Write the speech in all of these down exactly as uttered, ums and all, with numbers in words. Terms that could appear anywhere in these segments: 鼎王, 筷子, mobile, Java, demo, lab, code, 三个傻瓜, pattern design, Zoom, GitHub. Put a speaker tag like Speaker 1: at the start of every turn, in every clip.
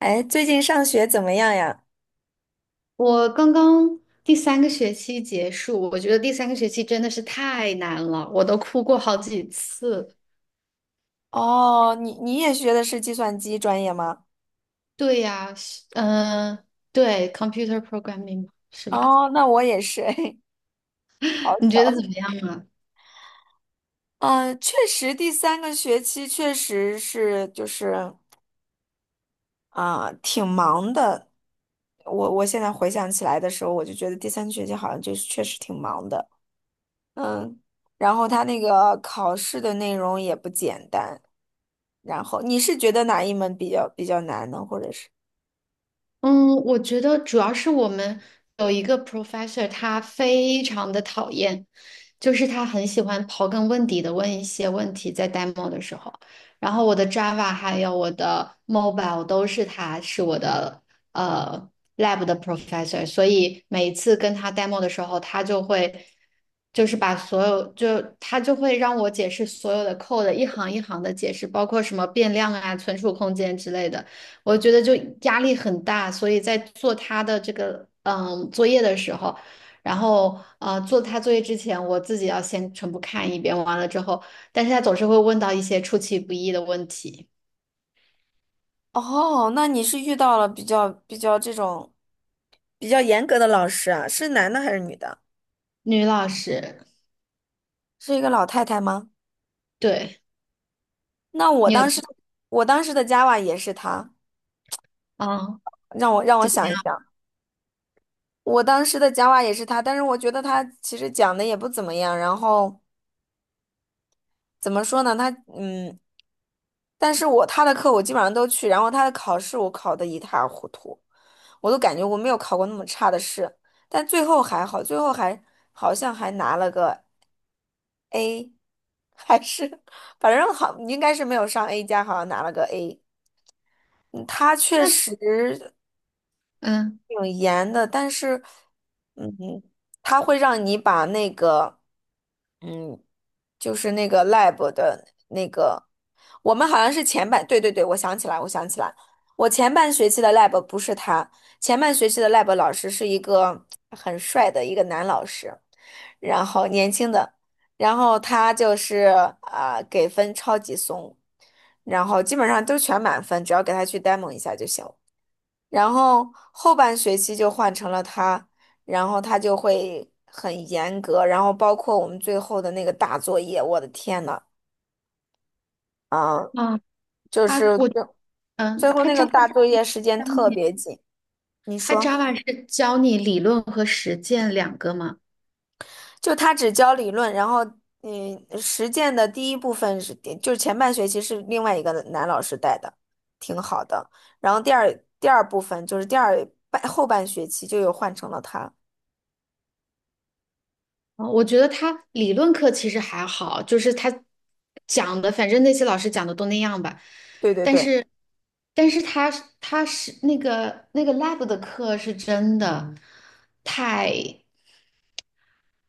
Speaker 1: 哎，最近上学怎么样呀？
Speaker 2: 我刚刚第三个学期结束，我觉得第三个学期真的是太难了，我都哭过好几次。
Speaker 1: 哦，你你也学的是计算机专业吗？
Speaker 2: 对呀，嗯、呃对，computer programming 是吧？
Speaker 1: 哦，那我也是，哎，好
Speaker 2: 你觉得怎
Speaker 1: 巧。
Speaker 2: 么样啊？
Speaker 1: 嗯，确实，第三个学期确实是就是啊、挺忙的。我我现在回想起来的时候，我就觉得第三学期好像就是确实挺忙的。然后他那个考试的内容也不简单。然后你是觉得哪一门比较比较难呢？或者是？
Speaker 2: 嗯，我觉得主要是我们有一个 professor，他非常的讨厌，就是他很喜欢刨根问底的问一些问题，在 demo 的时候，然后我的 Java 还有我的 mobile 都是他是我的呃 lab 的 professor，所以每一次跟他 demo 的时候，他就会就是把所有就他就会让我解释所有的 code， 一行一行的解释，包括什么变量啊、存储空间之类的。我觉得就压力很大，所以在做他的这个嗯作业的时候，然后呃做他作业之前，我自己要先全部看一遍，完了之后，但是他总是会问到一些出其不意的问题。
Speaker 1: 哦，那你是遇到了比较比较这种。比较严格的老师啊，是男的还是女的？
Speaker 2: 女老师，
Speaker 1: 是一个老太太吗？
Speaker 2: 对。
Speaker 1: 那我
Speaker 2: 你有
Speaker 1: 当时，我当时的 Java 也是她，
Speaker 2: 啊？
Speaker 1: 让我让我
Speaker 2: 对，
Speaker 1: 想一想，我当时的 Java 也是她，但是我觉得她其实讲的也不怎么样。然后怎么说呢？她嗯，但是我她的课我基本上都去，然后她的考试我考的一塌糊涂，我都感觉我没有考过那么差的试，但最后还好，最后还好像还拿了个。A 还是 反正好，应该是没有上 A 加，好像拿了个 A。嗯他确
Speaker 2: 那
Speaker 1: 实，
Speaker 2: 嗯
Speaker 1: 挺严的，但是，嗯，他会让你把那个，嗯，就是那个 lab 的那个，我们好像是前半，对对对，我想起来，我想起来，我前半学期的 lab 不是他，前半学期的 lab 老师是一个很帅的一个男老师，然后年轻的，然后他就是啊、给分超级松，然后基本上都全满分，只要给他去 demo 一下就行。然后后半学期就换成了他，然后他就会很严格，然后包括我们最后的那个大作业，我的天呐，
Speaker 2: 啊，
Speaker 1: 就
Speaker 2: 他
Speaker 1: 是
Speaker 2: 我
Speaker 1: 最
Speaker 2: 嗯，
Speaker 1: 最后
Speaker 2: 他
Speaker 1: 那个
Speaker 2: Java
Speaker 1: 大作业时间
Speaker 2: 教
Speaker 1: 特
Speaker 2: 你，
Speaker 1: 别紧。你
Speaker 2: 他
Speaker 1: 说，
Speaker 2: Java 是教你理论和实践两个吗？
Speaker 1: 就他只教理论，然后嗯，实践的第一部分是，就是前半学期是另外一个男老师带的，挺好的。然后第二第二部分就是第二半后半学期就又换成了他。
Speaker 2: 哦，我觉得他理论课其实还好，就是他讲的，反正那些老师讲的都那样吧。
Speaker 1: 对对
Speaker 2: 但
Speaker 1: 对。
Speaker 2: 是，但是他是他是那个那个 lab 的课是真的太，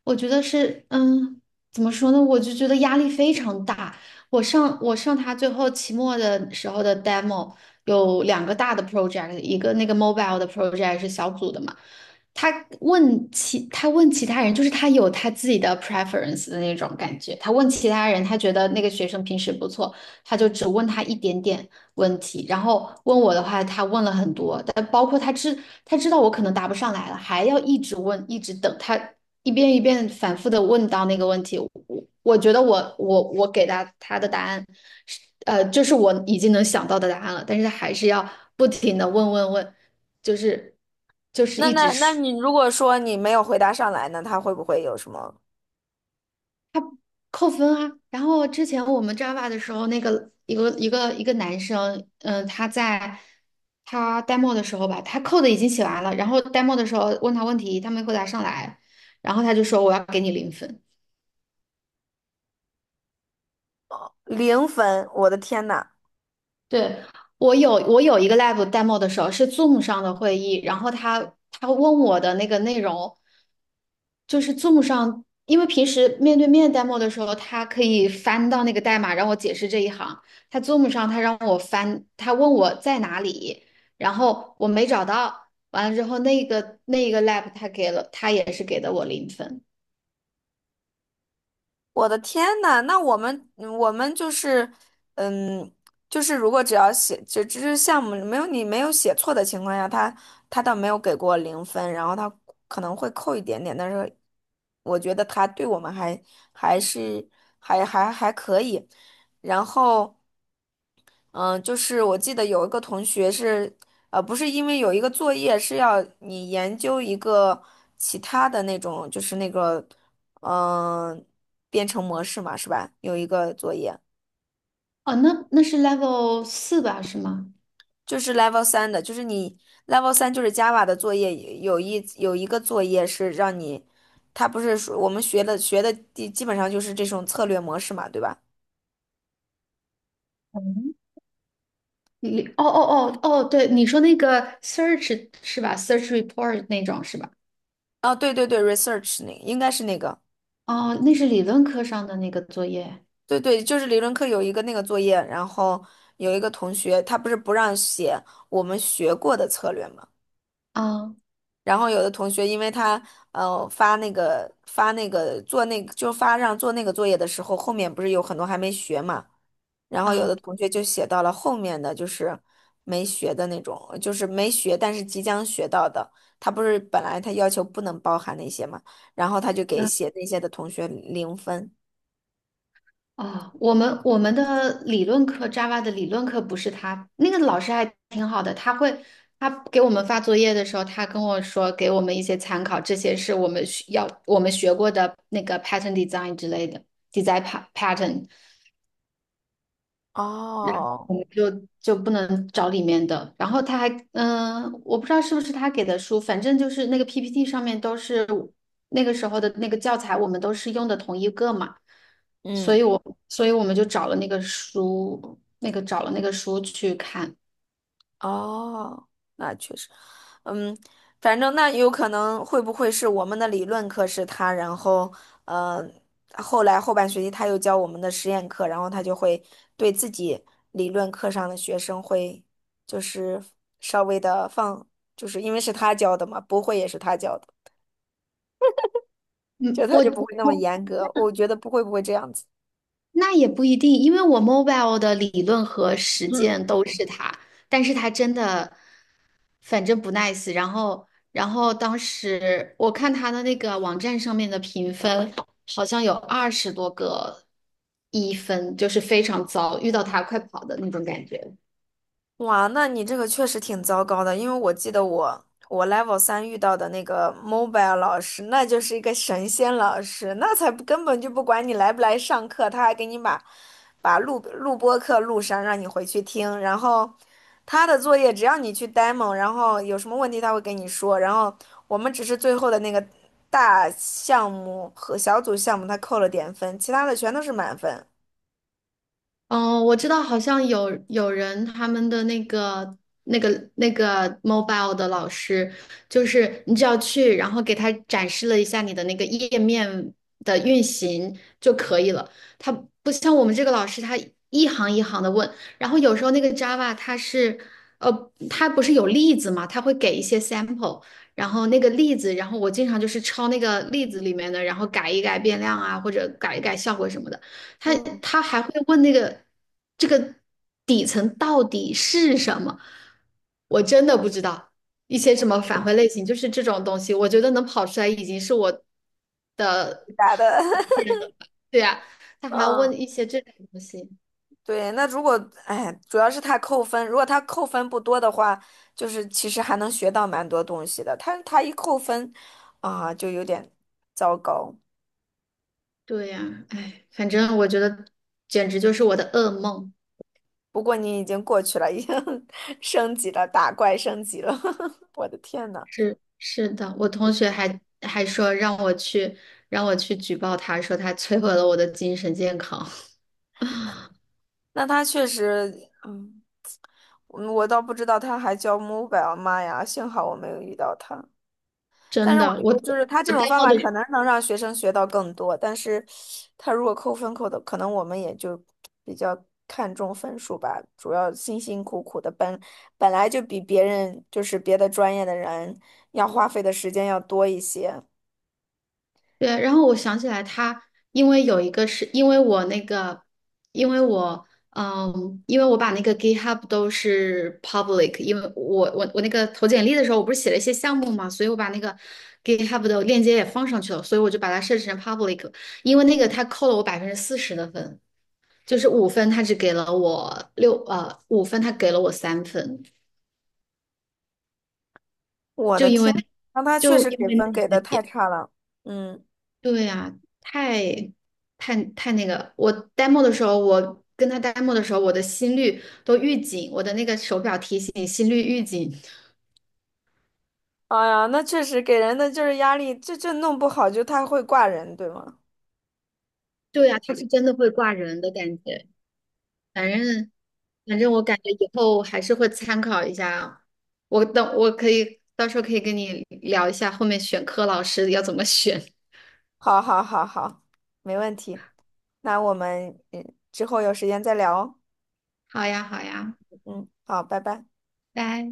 Speaker 2: 我觉得是，嗯，怎么说呢？我就觉得压力非常大。我上我上他最后期末的时候的 demo 有两个大的 project，一个那个 mobile 的 project 是小组的嘛。他问其他问其他人，就是他有他自己的 preference 的那种感觉。他问其他人，他觉得那个学生平时不错，他就只问他一点点问题，然后问我的话，他问了很多，但包括他知他知道我可能答不上来了，还要一直问，一直等他一遍一遍反复的问到那个问题。我我觉得我我我给他他的答案是，呃，就是我已经能想到的答案了，但是他还是要不停的问问问，就是就是
Speaker 1: 那
Speaker 2: 一直
Speaker 1: 那那
Speaker 2: 说。
Speaker 1: 你如果说你没有回答上来呢，他会不会有什么
Speaker 2: 扣分啊。然后之前我们 Java 的时候，那个一个一个一个男生，嗯、他在他 demo 的时候吧，他 code 已经写完了，然后 demo 的时候问他问题，他没回答上来，然后他就说我要给你零分。
Speaker 1: 零分？我的天呐，
Speaker 2: 对，我有我有一个 lab demo 的时候是 Zoom 上的会议，然后他他问我的那个内容。就是 zoom 上，因为平时面对面 demo 的时候，他可以翻到那个代码让我解释这一行。他 Zoom 上他让我翻，他问我在哪里，然后我没找到。完了之后，那个那个 lab 他给了，他也是给的我零分。
Speaker 1: 我的天呐，那我们我们就是，嗯，就是如果只要写，只只是项目没有你没有写错的情况下，他他倒没有给过零分，然后他可能会扣一点点，但是我觉得他对我们还还是还还还可以，然后。嗯，呃就是我记得有一个同学是，呃，不是因为有一个作业是要你研究一个其他的那种，就是那个，嗯、编程模式嘛，是吧？有一个作业
Speaker 2: 哦，那那是 level 四吧？是吗？
Speaker 1: 就是 Level 三的，就是你 Level 三就是 Java 的作业，有一有一个作业是让你，他不是说我们学的学的基基本上就是这种策略模式嘛，对吧？
Speaker 2: 嗯，你哦哦哦哦，对，你说那个 search 是吧？search report 那种是吧？
Speaker 1: 哦，对对对，research 那应该是那个。
Speaker 2: 哦，那是理论课上的那个作业。
Speaker 1: 对对，就是理论课有一个那个作业，然后有一个同学他不是不让写我们学过的策略嘛，
Speaker 2: 啊
Speaker 1: 然后有的同学因为他呃发那个发那个做那个就发让做那个作业的时候，后面不是有很多还没学嘛，然后有的
Speaker 2: 啊，
Speaker 1: 同学就写到了后面的就是没学的那种，就是没学但是即将学到的，他不是本来他要求不能包含那些嘛，然后他就给写那些的同学零分，
Speaker 2: 哦，我们我们的理论课，Java 的理论课不是他，那个老师还挺好的，他会他给我们发作业的时候，他跟我说给我们一些参考，这些是我们需要我们学过的那个 pattern design 之类的 design pa- pattern。然后
Speaker 1: 哦，
Speaker 2: 我们就就不能找里面的。然后他还，嗯、我不知道是不是他给的书，反正就是那个 P P T 上面都是那个时候的那个教材，我们都是用的同一个嘛，所
Speaker 1: 嗯。
Speaker 2: 以我所以我们就找了那个书，那个找了那个书去看。
Speaker 1: 哦，那确实，嗯，反正那有可能会不会是我们的理论课是他，然后呃，后来后半学期他又教我们的实验课，然后他就会对自己理论课上的学生会就是稍微的放，就是因为是他教的嘛，不会也是他教的，就
Speaker 2: 嗯，
Speaker 1: 他
Speaker 2: 我
Speaker 1: 就不会那么
Speaker 2: 我
Speaker 1: 严格，我觉得不会不会这样子。
Speaker 2: 那也不一定，因为我 mobile 的理论和实践都是他，但是他真的，反正不 nice。然后，然后当时我看他的那个网站上面的评分，好像有二十多个一分，就是非常糟，遇到他快跑的那种感觉。
Speaker 1: 哇，那你这个确实挺糟糕的，因为我记得我我 level 三遇到的那个 mobile 老师，那就是一个神仙老师，那才不根本就不管你来不来上课，他还给你把把录录播课录上，让你回去听。然后他的作业只要你去 demo，然后有什么问题他会给你说。然后我们只是最后的那个大项目和小组项目，他扣了点分，其他的全都是满分。
Speaker 2: 哦，我知道，好像有有人他们的那个那个那个 mobile 的老师，就是你只要去，然后给他展示了一下你的那个页面的运行就可以了。他不像我们这个老师，他一行一行的问，然后有时候那个 Java 它是呃，它不是有例子嘛，它会给一些 sample，然后那个例子，然后我经常就是抄那个例子里面的，然后改一改变量啊，或者改一改效果什么的。他
Speaker 1: 嗯
Speaker 2: 他还会问那个这个底层到底是什么？我真的不知道一些什么返回类型，就是这种东西，我觉得能跑出来已经是我，
Speaker 1: 答的，
Speaker 2: 对呀，他 还要问
Speaker 1: 嗯。
Speaker 2: 一些这种东西，
Speaker 1: 对，那如果，哎，主要是他扣分，如果他扣分不多的话，就是其实还能学到蛮多东西的。他他一扣分，啊，就有点糟糕。
Speaker 2: 对呀，哎，反正我觉得简直就是我的噩梦。
Speaker 1: 不过你已经过去了，已经 升级了，打怪升级了。我的天呐，
Speaker 2: 是是的，我同学还还说让我去让我去举报他，说他摧毁了我的精神健康。
Speaker 1: 那他确实，嗯，我我倒不知道他还教 mobile，妈呀，幸好我没有遇到他。但
Speaker 2: 真
Speaker 1: 是我
Speaker 2: 的，
Speaker 1: 觉
Speaker 2: 我
Speaker 1: 得，就是他这
Speaker 2: 我 d
Speaker 1: 种方
Speaker 2: 帽 m o
Speaker 1: 法可
Speaker 2: 的
Speaker 1: 能能让学生学到更多，但是他如果扣分扣的，可能我们也就比较看重分数吧。主要辛辛苦苦的本本来就比别人就是别的专业的人要花费的时间要多一些。
Speaker 2: 对，然后我想起来他，因为有一个是因为我那个，因为我嗯，因为我把那个 GitHub 都是 public,因为我我我那个投简历的时候，我不是写了一些项目嘛，所以我把那个 GitHub 的链接也放上去了，所以我就把它设置成 public，因为那个他扣了我百分之四十的分，就是五分，他只给了我六呃五分，他给了我三分，
Speaker 1: 我
Speaker 2: 就
Speaker 1: 的
Speaker 2: 因为
Speaker 1: 天，那他确
Speaker 2: 就
Speaker 1: 实
Speaker 2: 因
Speaker 1: 给
Speaker 2: 为
Speaker 1: 分给
Speaker 2: 那
Speaker 1: 的太
Speaker 2: 个，
Speaker 1: 差了。嗯，
Speaker 2: 对呀，太太太那个！我 demo 的时候，我跟他 demo 的时候，我的心率都预警，我的那个手表提醒心率预警。
Speaker 1: 哎呀，那确实给人的就是压力，这这弄不好就他会挂人，对吗？
Speaker 2: 对呀，他是真的会挂人的感觉。反正反正我感觉以后还是会参考一下啊。我等我可以到时候可以跟你聊一下后面选科老师要怎么选。
Speaker 1: 好，好，好，好，没问题。那我们嗯之后有时间再聊哦。
Speaker 2: 好呀，好呀，
Speaker 1: 嗯，好，拜拜。
Speaker 2: 拜。